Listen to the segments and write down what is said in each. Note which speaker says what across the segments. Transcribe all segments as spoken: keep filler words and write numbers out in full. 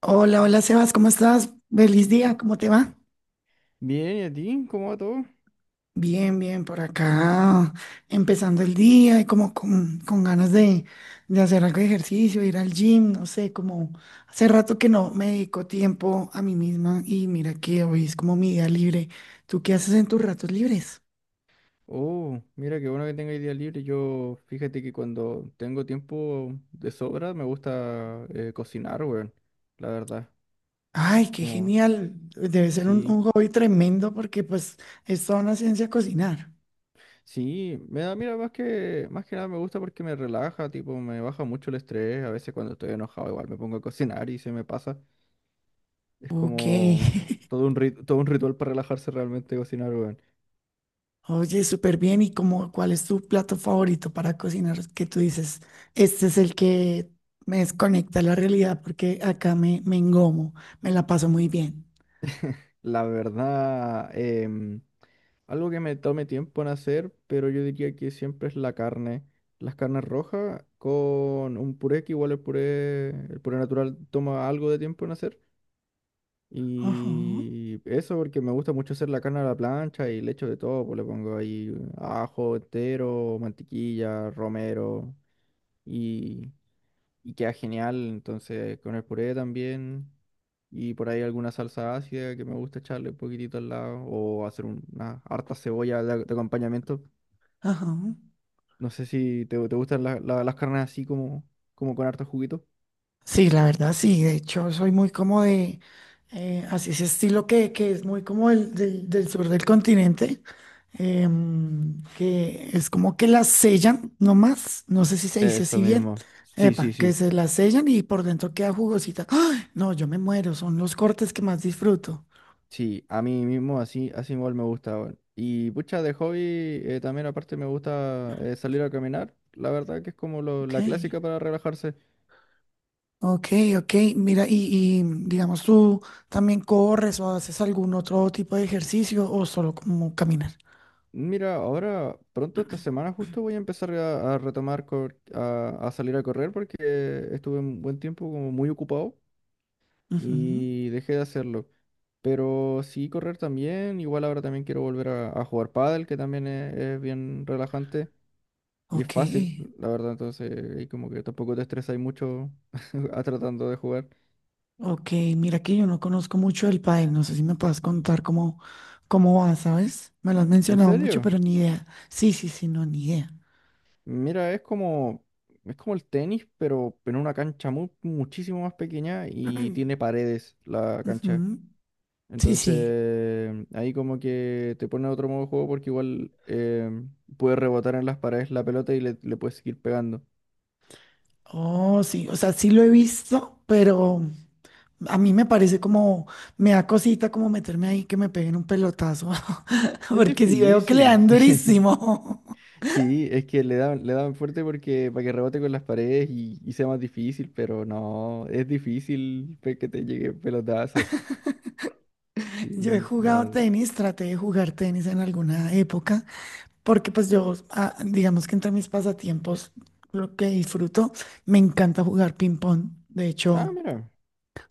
Speaker 1: Hola, hola Sebas, ¿cómo estás? Feliz día, ¿cómo te va?
Speaker 2: Bien, ¿y a ti? ¿Cómo va todo?
Speaker 1: Bien, bien, por acá, empezando el día y como con, con ganas de, de hacer algo de ejercicio, ir al gym, no sé, como hace rato que no me dedico tiempo a mí misma y mira que hoy es como mi día libre. ¿Tú qué haces en tus ratos libres?
Speaker 2: Oh, mira qué bueno que tenga día libre. Yo, fíjate que cuando tengo tiempo de sobra, me gusta eh, cocinar, weón. La verdad,
Speaker 1: Ay, qué
Speaker 2: como,
Speaker 1: genial, debe ser un,
Speaker 2: sí,
Speaker 1: un hobby tremendo porque pues es toda una ciencia cocinar.
Speaker 2: sí, me da, mira, más que, más que nada me gusta porque me relaja, tipo, me baja mucho el estrés. A veces cuando estoy enojado, igual me pongo a cocinar y se me pasa. Es
Speaker 1: Ok.
Speaker 2: como todo un rit- todo un ritual para relajarse realmente cocinar, weón.
Speaker 1: Oye, súper bien. ¿Y cómo, cuál es tu plato favorito para cocinar? Que tú dices, este es el que me desconecta a la realidad porque acá me, me engomo, me la paso muy bien.
Speaker 2: La verdad, em, algo que me tome tiempo en hacer, pero yo diría que siempre es la carne. Las carnes rojas con un puré, que igual el puré, el puré natural toma algo de tiempo en hacer.
Speaker 1: Ajá,
Speaker 2: Y eso porque me gusta mucho hacer la carne a la plancha y le echo de todo, pues le pongo ahí ajo entero, mantequilla, romero. y y queda genial. Entonces, con el puré también. Y por ahí alguna salsa ácida que me gusta echarle un poquitito al lado. O hacer un- una harta cebolla de, de acompañamiento.
Speaker 1: ajá.
Speaker 2: No sé si te, te gustan la- la- las carnes así como, como con harto juguito.
Speaker 1: Sí, la verdad, sí. De hecho, soy muy como de, eh, así ese estilo que, que es muy como el del, del sur del continente. Em, que es como que las sellan nomás, no sé si se dice
Speaker 2: Eso
Speaker 1: así bien,
Speaker 2: mismo. Sí, sí,
Speaker 1: epa, que
Speaker 2: sí.
Speaker 1: se las sellan y por dentro queda jugosita. ¡Ay! No, yo me muero, son los cortes que más disfruto.
Speaker 2: Sí, a mí mismo así, así igual me gusta, weón. Y pucha, de hobby eh, también aparte me gusta eh, salir a caminar. La verdad que es como lo-
Speaker 1: Ok,
Speaker 2: la clásica para relajarse.
Speaker 1: ok, ok, mira, y, y digamos tú también corres o haces algún otro tipo de ejercicio o solo como caminar.
Speaker 2: Mira, ahora pronto esta semana justo voy a empezar a, a retomar, cor- a, a salir a correr porque estuve un buen tiempo como muy ocupado
Speaker 1: Ujú.
Speaker 2: y dejé de hacerlo. Pero sí, correr también. Igual ahora también quiero volver a, a jugar pádel, que también es, es bien relajante y es
Speaker 1: Ok.
Speaker 2: fácil, la verdad, entonces ahí como que tampoco te estresas mucho a tratando de jugar.
Speaker 1: Ok, mira que yo no conozco mucho el pádel, no sé si me puedes contar cómo, cómo va, ¿sabes? Me lo has
Speaker 2: ¿En
Speaker 1: mencionado mucho,
Speaker 2: serio?
Speaker 1: pero ni idea. Sí, sí, sí, no, ni idea.
Speaker 2: Mira, es como, es como el tenis, pero en una cancha mu- muchísimo más pequeña y tiene paredes la cancha.
Speaker 1: Ujú. Sí, sí.
Speaker 2: Entonces, ahí como que te pone otro modo de juego porque igual eh, puedes rebotar en las paredes la pelota y le, le puedes seguir pegando.
Speaker 1: Oh, sí, o sea, sí lo he visto, pero a mí me parece como, me da cosita como meterme ahí que me peguen un pelotazo,
Speaker 2: Es
Speaker 1: porque si veo que le
Speaker 2: difícil.
Speaker 1: dan durísimo.
Speaker 2: Sí, es que le dan, le dan fuerte porque para que rebote con las paredes y, y sea más difícil, pero no, es difícil pe- que te llegue pelotazo.
Speaker 1: Yo he
Speaker 2: Sí,
Speaker 1: jugado
Speaker 2: no.
Speaker 1: tenis, traté de jugar tenis en alguna época, porque pues yo, ah, digamos que entre mis pasatiempos, lo que disfruto, me encanta jugar ping pong. De
Speaker 2: Ah,
Speaker 1: hecho,
Speaker 2: mira.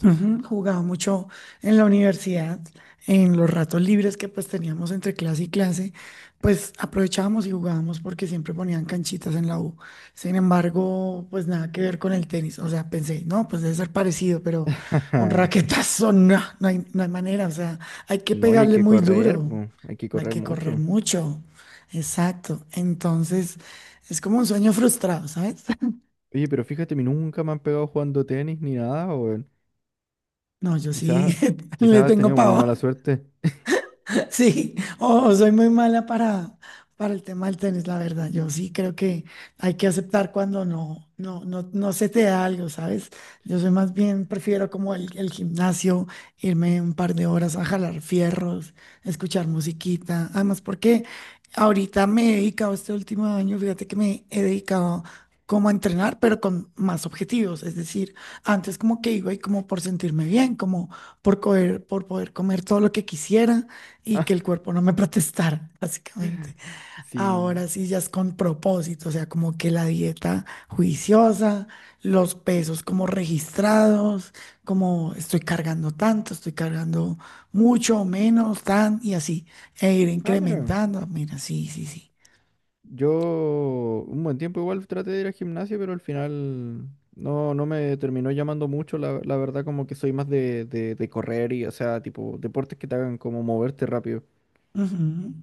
Speaker 1: ujú, jugaba mucho en la universidad, en los ratos libres que pues teníamos entre clase y clase, pues aprovechábamos y jugábamos porque siempre ponían canchitas en la U. Sin embargo, pues nada que ver con el tenis. O sea, pensé, no, pues debe ser parecido, pero un raquetazo, no, no hay, no hay manera. O sea, hay que
Speaker 2: No, y hay
Speaker 1: pegarle
Speaker 2: que
Speaker 1: muy
Speaker 2: correr,
Speaker 1: duro,
Speaker 2: pues, hay que
Speaker 1: hay
Speaker 2: correr
Speaker 1: que correr
Speaker 2: mucho.
Speaker 1: mucho. Exacto. Entonces, es como un sueño frustrado, ¿sabes?
Speaker 2: Oye, pero fíjate, a mí nunca me han pegado jugando tenis ni nada, o
Speaker 1: No, yo sí
Speaker 2: quizás, quizás
Speaker 1: le
Speaker 2: has
Speaker 1: tengo
Speaker 2: tenido muy mala
Speaker 1: pavor.
Speaker 2: suerte.
Speaker 1: Sí, oh, soy muy mala para, para el tema del tenis, la verdad. Yo sí creo que hay que aceptar cuando no, no, no, no se te da algo, ¿sabes? Yo soy más bien, prefiero como el, el gimnasio, irme un par de horas a jalar fierros, escuchar musiquita. Además, porque ahorita me he dedicado este último año, fíjate que me he dedicado como a entrenar, pero con más objetivos. Es decir, antes como que iba y como por sentirme bien, como por comer, por poder comer todo lo que quisiera y que el cuerpo no me protestara, básicamente.
Speaker 2: Sí.
Speaker 1: Ahora sí ya es con propósito, o sea, como que la dieta juiciosa, los pesos como registrados, como estoy cargando tanto, estoy cargando mucho o menos, tan y así, e ir
Speaker 2: Ah, mira,
Speaker 1: incrementando. Mira, sí, sí, sí.
Speaker 2: yo un buen tiempo igual traté de ir al gimnasio, pero al final no, no me terminó llamando mucho. La, la verdad, como que soy más de, de, de correr y, o sea, tipo, deportes que te hagan como moverte rápido.
Speaker 1: Ujú.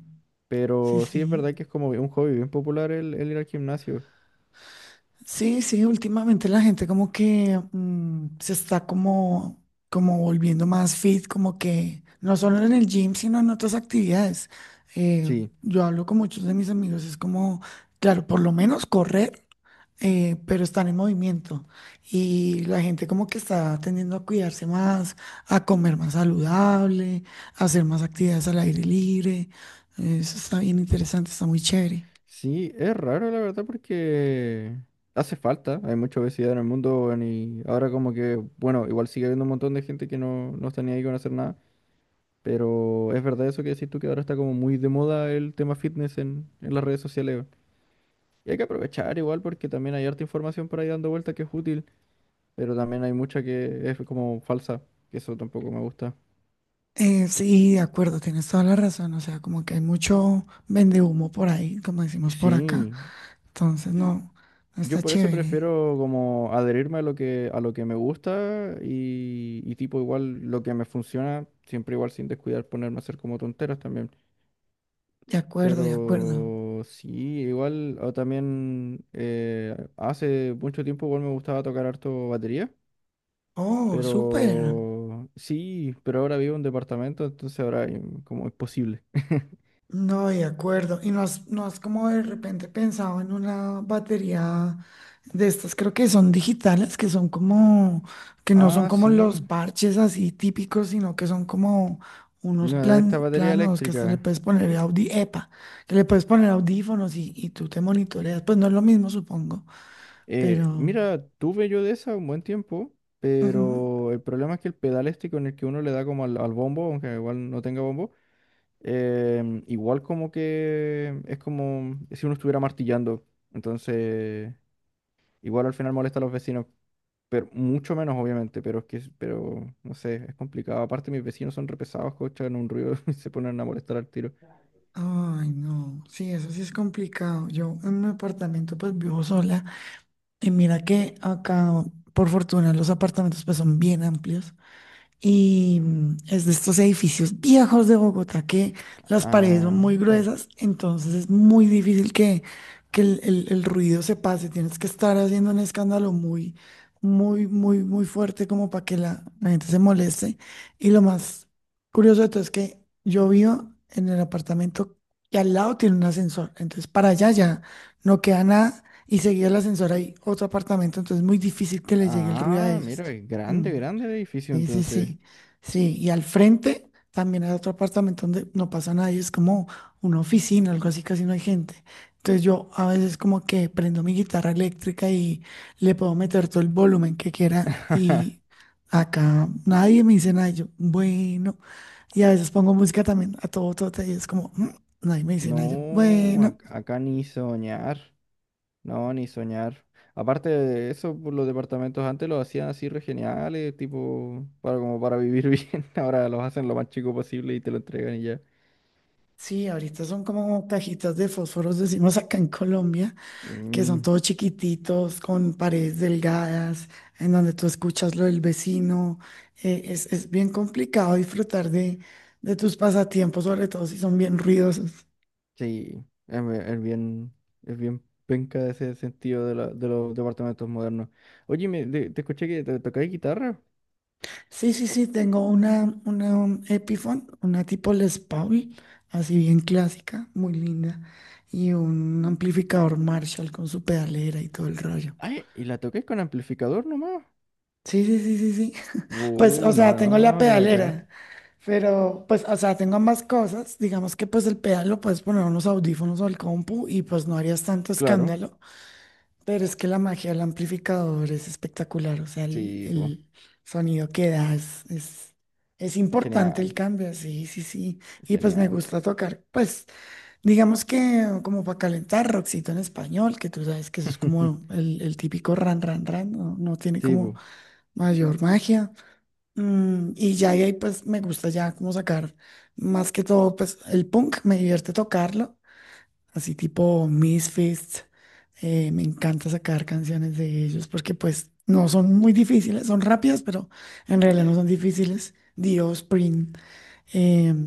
Speaker 1: Sí,
Speaker 2: Pero sí, es
Speaker 1: sí.
Speaker 2: verdad que es como un hobby bien popular el, el ir al gimnasio.
Speaker 1: Sí, sí, últimamente la gente como que mm, se está como, como volviendo más fit, como que no solo en el gym, sino en otras actividades. Eh,
Speaker 2: Sí.
Speaker 1: yo hablo con muchos de mis amigos, es como, claro, por lo menos correr, eh, pero están en movimiento. Y la gente como que está tendiendo a cuidarse más, a comer más saludable, a hacer más actividades al aire libre. Eso está bien interesante, está muy chévere.
Speaker 2: Sí, es raro la verdad, porque hace falta, hay mucha obesidad en el mundo, weón, y ahora como que, bueno, igual sigue habiendo un montón de gente que no, no está ni ahí con hacer nada, pero es verdad eso que decís tú, que ahora está como muy de moda el tema fitness en, en las redes sociales, weón. Y hay que aprovechar igual porque también hay harta información por ahí dando vuelta que es útil, pero también hay mucha que es como falsa, que eso tampoco me gusta.
Speaker 1: Eh, sí, de acuerdo, tienes toda la razón. O sea, como que hay mucho vendehumo por ahí, como decimos por acá.
Speaker 2: Sí.
Speaker 1: Entonces, no, no
Speaker 2: Yo
Speaker 1: está
Speaker 2: por eso
Speaker 1: chévere.
Speaker 2: prefiero como adherirme a lo que, a lo que me gusta y, y tipo igual lo que me funciona, siempre igual sin descuidar ponerme a hacer como tonteras también.
Speaker 1: De acuerdo, de acuerdo.
Speaker 2: Pero sí, igual o también eh, hace mucho tiempo igual me gustaba tocar harto batería,
Speaker 1: Oh, súper.
Speaker 2: pero sí, pero ahora vivo en un departamento, entonces ahora eh, como es posible.
Speaker 1: No, de acuerdo. Y no has, no has como de repente pensado en una batería de estas, creo que son digitales, que son como, que no son
Speaker 2: Ah,
Speaker 1: como
Speaker 2: sí,
Speaker 1: los parches así típicos, sino que son como unos
Speaker 2: la de
Speaker 1: plan,
Speaker 2: esta batería
Speaker 1: planos que hasta le
Speaker 2: eléctrica.
Speaker 1: puedes poner audi, epa, que le puedes poner audífonos y, y tú te monitoreas. Pues no es lo mismo, supongo,
Speaker 2: Eh,
Speaker 1: pero...
Speaker 2: mira, tuve yo de esa un buen tiempo,
Speaker 1: ujú.
Speaker 2: pero el problema es que el pedal este con el que uno le da como al, al bombo, aunque igual no tenga bombo, em, igual como que es como si uno estuviera martillando. Entonces, igual al final molesta a los vecinos, pero mucho menos obviamente, pero es que, es- pero no sé, es complicado. Aparte mis vecinos son repesados, escuchan un ruido y se ponen a molestar al tiro.
Speaker 1: Ay, no, sí, eso sí es complicado. Yo en mi apartamento pues vivo sola. Y mira que acá, por fortuna, los apartamentos pues son bien amplios. Y mm, es de estos edificios viejos de Bogotá que las paredes son
Speaker 2: Ah,
Speaker 1: muy gruesas, entonces es muy difícil que, que el, el- el ruido se pase. Tienes que estar haciendo un escándalo muy, muy, muy, muy fuerte como para que la, la gente se moleste. Y lo más curioso de todo es que yo vivo en el apartamento y al lado tiene un ascensor. Entonces para allá ya no queda nada y seguido el ascensor hay otro apartamento, entonces es muy difícil que le llegue el ruido a
Speaker 2: ah,
Speaker 1: ellos.
Speaker 2: mira, es
Speaker 1: Mm.
Speaker 2: grande, grande el edificio
Speaker 1: Sí, sí,
Speaker 2: entonces.
Speaker 1: sí, sí. Y al frente también hay otro apartamento donde no pasa nadie, es como una oficina, algo así, casi no hay gente. Entonces yo a veces como que prendo mi guitarra eléctrica y le puedo meter todo el volumen que quiera y acá nadie me dice nada, y yo, bueno. Y a veces pongo música también a todo tote y es como, "Mm", nadie me dice nada, y yo,
Speaker 2: No,
Speaker 1: bueno.
Speaker 2: ac- acá ni soñar. No, ni soñar. Aparte de eso, pues, los departamentos antes los hacían así re geniales, tipo, para, como para vivir bien. Ahora los hacen lo más chico posible y te lo entregan y ya.
Speaker 1: Sí, ahorita son como cajitas de fósforos, decimos acá en Colombia que son
Speaker 2: Mm,
Speaker 1: todos chiquititos, con paredes delgadas, en donde tú escuchas lo del vecino. eh, es, es bien complicado disfrutar de, de tus pasatiempos, sobre todo si son bien ruidosos.
Speaker 2: sí, es, be- es bien, es bien penca ese sentido de, la- de los departamentos modernos. Oye, me, de- te escuché que te tocáis guitarra.
Speaker 1: Sí, sí, sí, tengo una, una un Epiphone, una tipo Les Paul, así bien clásica, muy linda, y un amplificador Marshall con su pedalera y todo el rollo.
Speaker 2: Ay, ¿y la tocáis con amplificador nomás?
Speaker 1: Sí, sí, sí, sí, sí. Pues, o
Speaker 2: Uh, no,
Speaker 1: sea, tengo la
Speaker 2: no, qué
Speaker 1: pedalera,
Speaker 2: bacán.
Speaker 1: pero pues, o sea, tengo ambas cosas. Digamos que pues el pedal lo puedes poner a unos audífonos o al compu y pues no harías tanto
Speaker 2: Claro,
Speaker 1: escándalo, pero es que la magia del amplificador es espectacular, o sea, el,
Speaker 2: sí, pues,
Speaker 1: el sonido que da es, es, es
Speaker 2: es
Speaker 1: importante el
Speaker 2: genial,
Speaker 1: cambio, sí, sí, sí.
Speaker 2: es
Speaker 1: Y pues me
Speaker 2: genial.
Speaker 1: gusta tocar, pues, digamos que como para calentar rockcito en español, que tú sabes que eso es como el, el típico ran, ran, ran, no, no tiene
Speaker 2: Sí,
Speaker 1: como
Speaker 2: pues,
Speaker 1: mayor magia. Mm, y ya de ahí pues me gusta ya como sacar más que todo pues el punk, me divierte tocarlo, así tipo Misfits, eh, me encanta sacar canciones de ellos porque pues no son muy difíciles, son rápidas pero en realidad no son difíciles. Dios, Spring,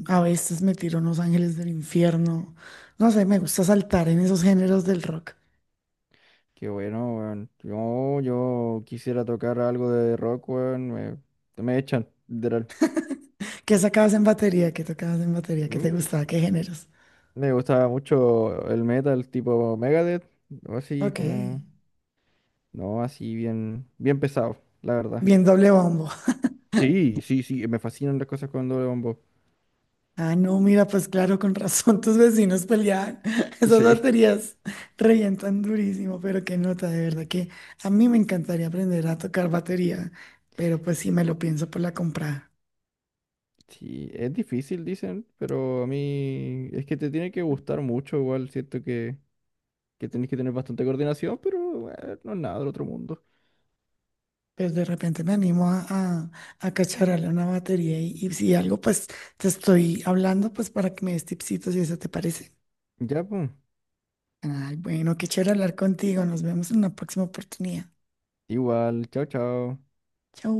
Speaker 1: a veces me tiro unos ángeles del infierno, no sé, me gusta saltar en esos géneros del rock.
Speaker 2: qué bueno, weón. Yo, yo quisiera tocar algo de rock, weón. Me, me echan, literal.
Speaker 1: ¿Qué sacabas en batería? ¿Qué tocabas en batería? ¿Qué te
Speaker 2: Mm,
Speaker 1: gustaba? ¿Qué géneros?
Speaker 2: me gustaba mucho el metal tipo Megadeth, o así
Speaker 1: Ok,
Speaker 2: como, no, así bien, bien pesado, la verdad.
Speaker 1: bien doble bombo.
Speaker 2: Sí, sí, sí, me fascinan las cosas con doble bombo.
Speaker 1: Ah, no, mira, pues claro, con razón tus vecinos peleaban. Esas
Speaker 2: Sí,
Speaker 1: baterías revientan durísimo, pero qué nota, de verdad que a mí me encantaría aprender a tocar batería, pero pues sí
Speaker 2: eh,
Speaker 1: me lo pienso por la compra.
Speaker 2: sí, es difícil, dicen, pero a mí es que te tiene que gustar mucho, igual siento que, que tenés que tener bastante coordinación, pero eh, no es nada del otro mundo.
Speaker 1: Pero de repente me animo a, a, a cacharrarle una batería y, y si algo, pues te estoy hablando, pues para que me des tipsitos y eso te parece.
Speaker 2: Ya, pues.
Speaker 1: Ay, bueno, qué chévere hablar contigo. Nos vemos en una próxima oportunidad.
Speaker 2: Igual, chao, chao.
Speaker 1: Chau.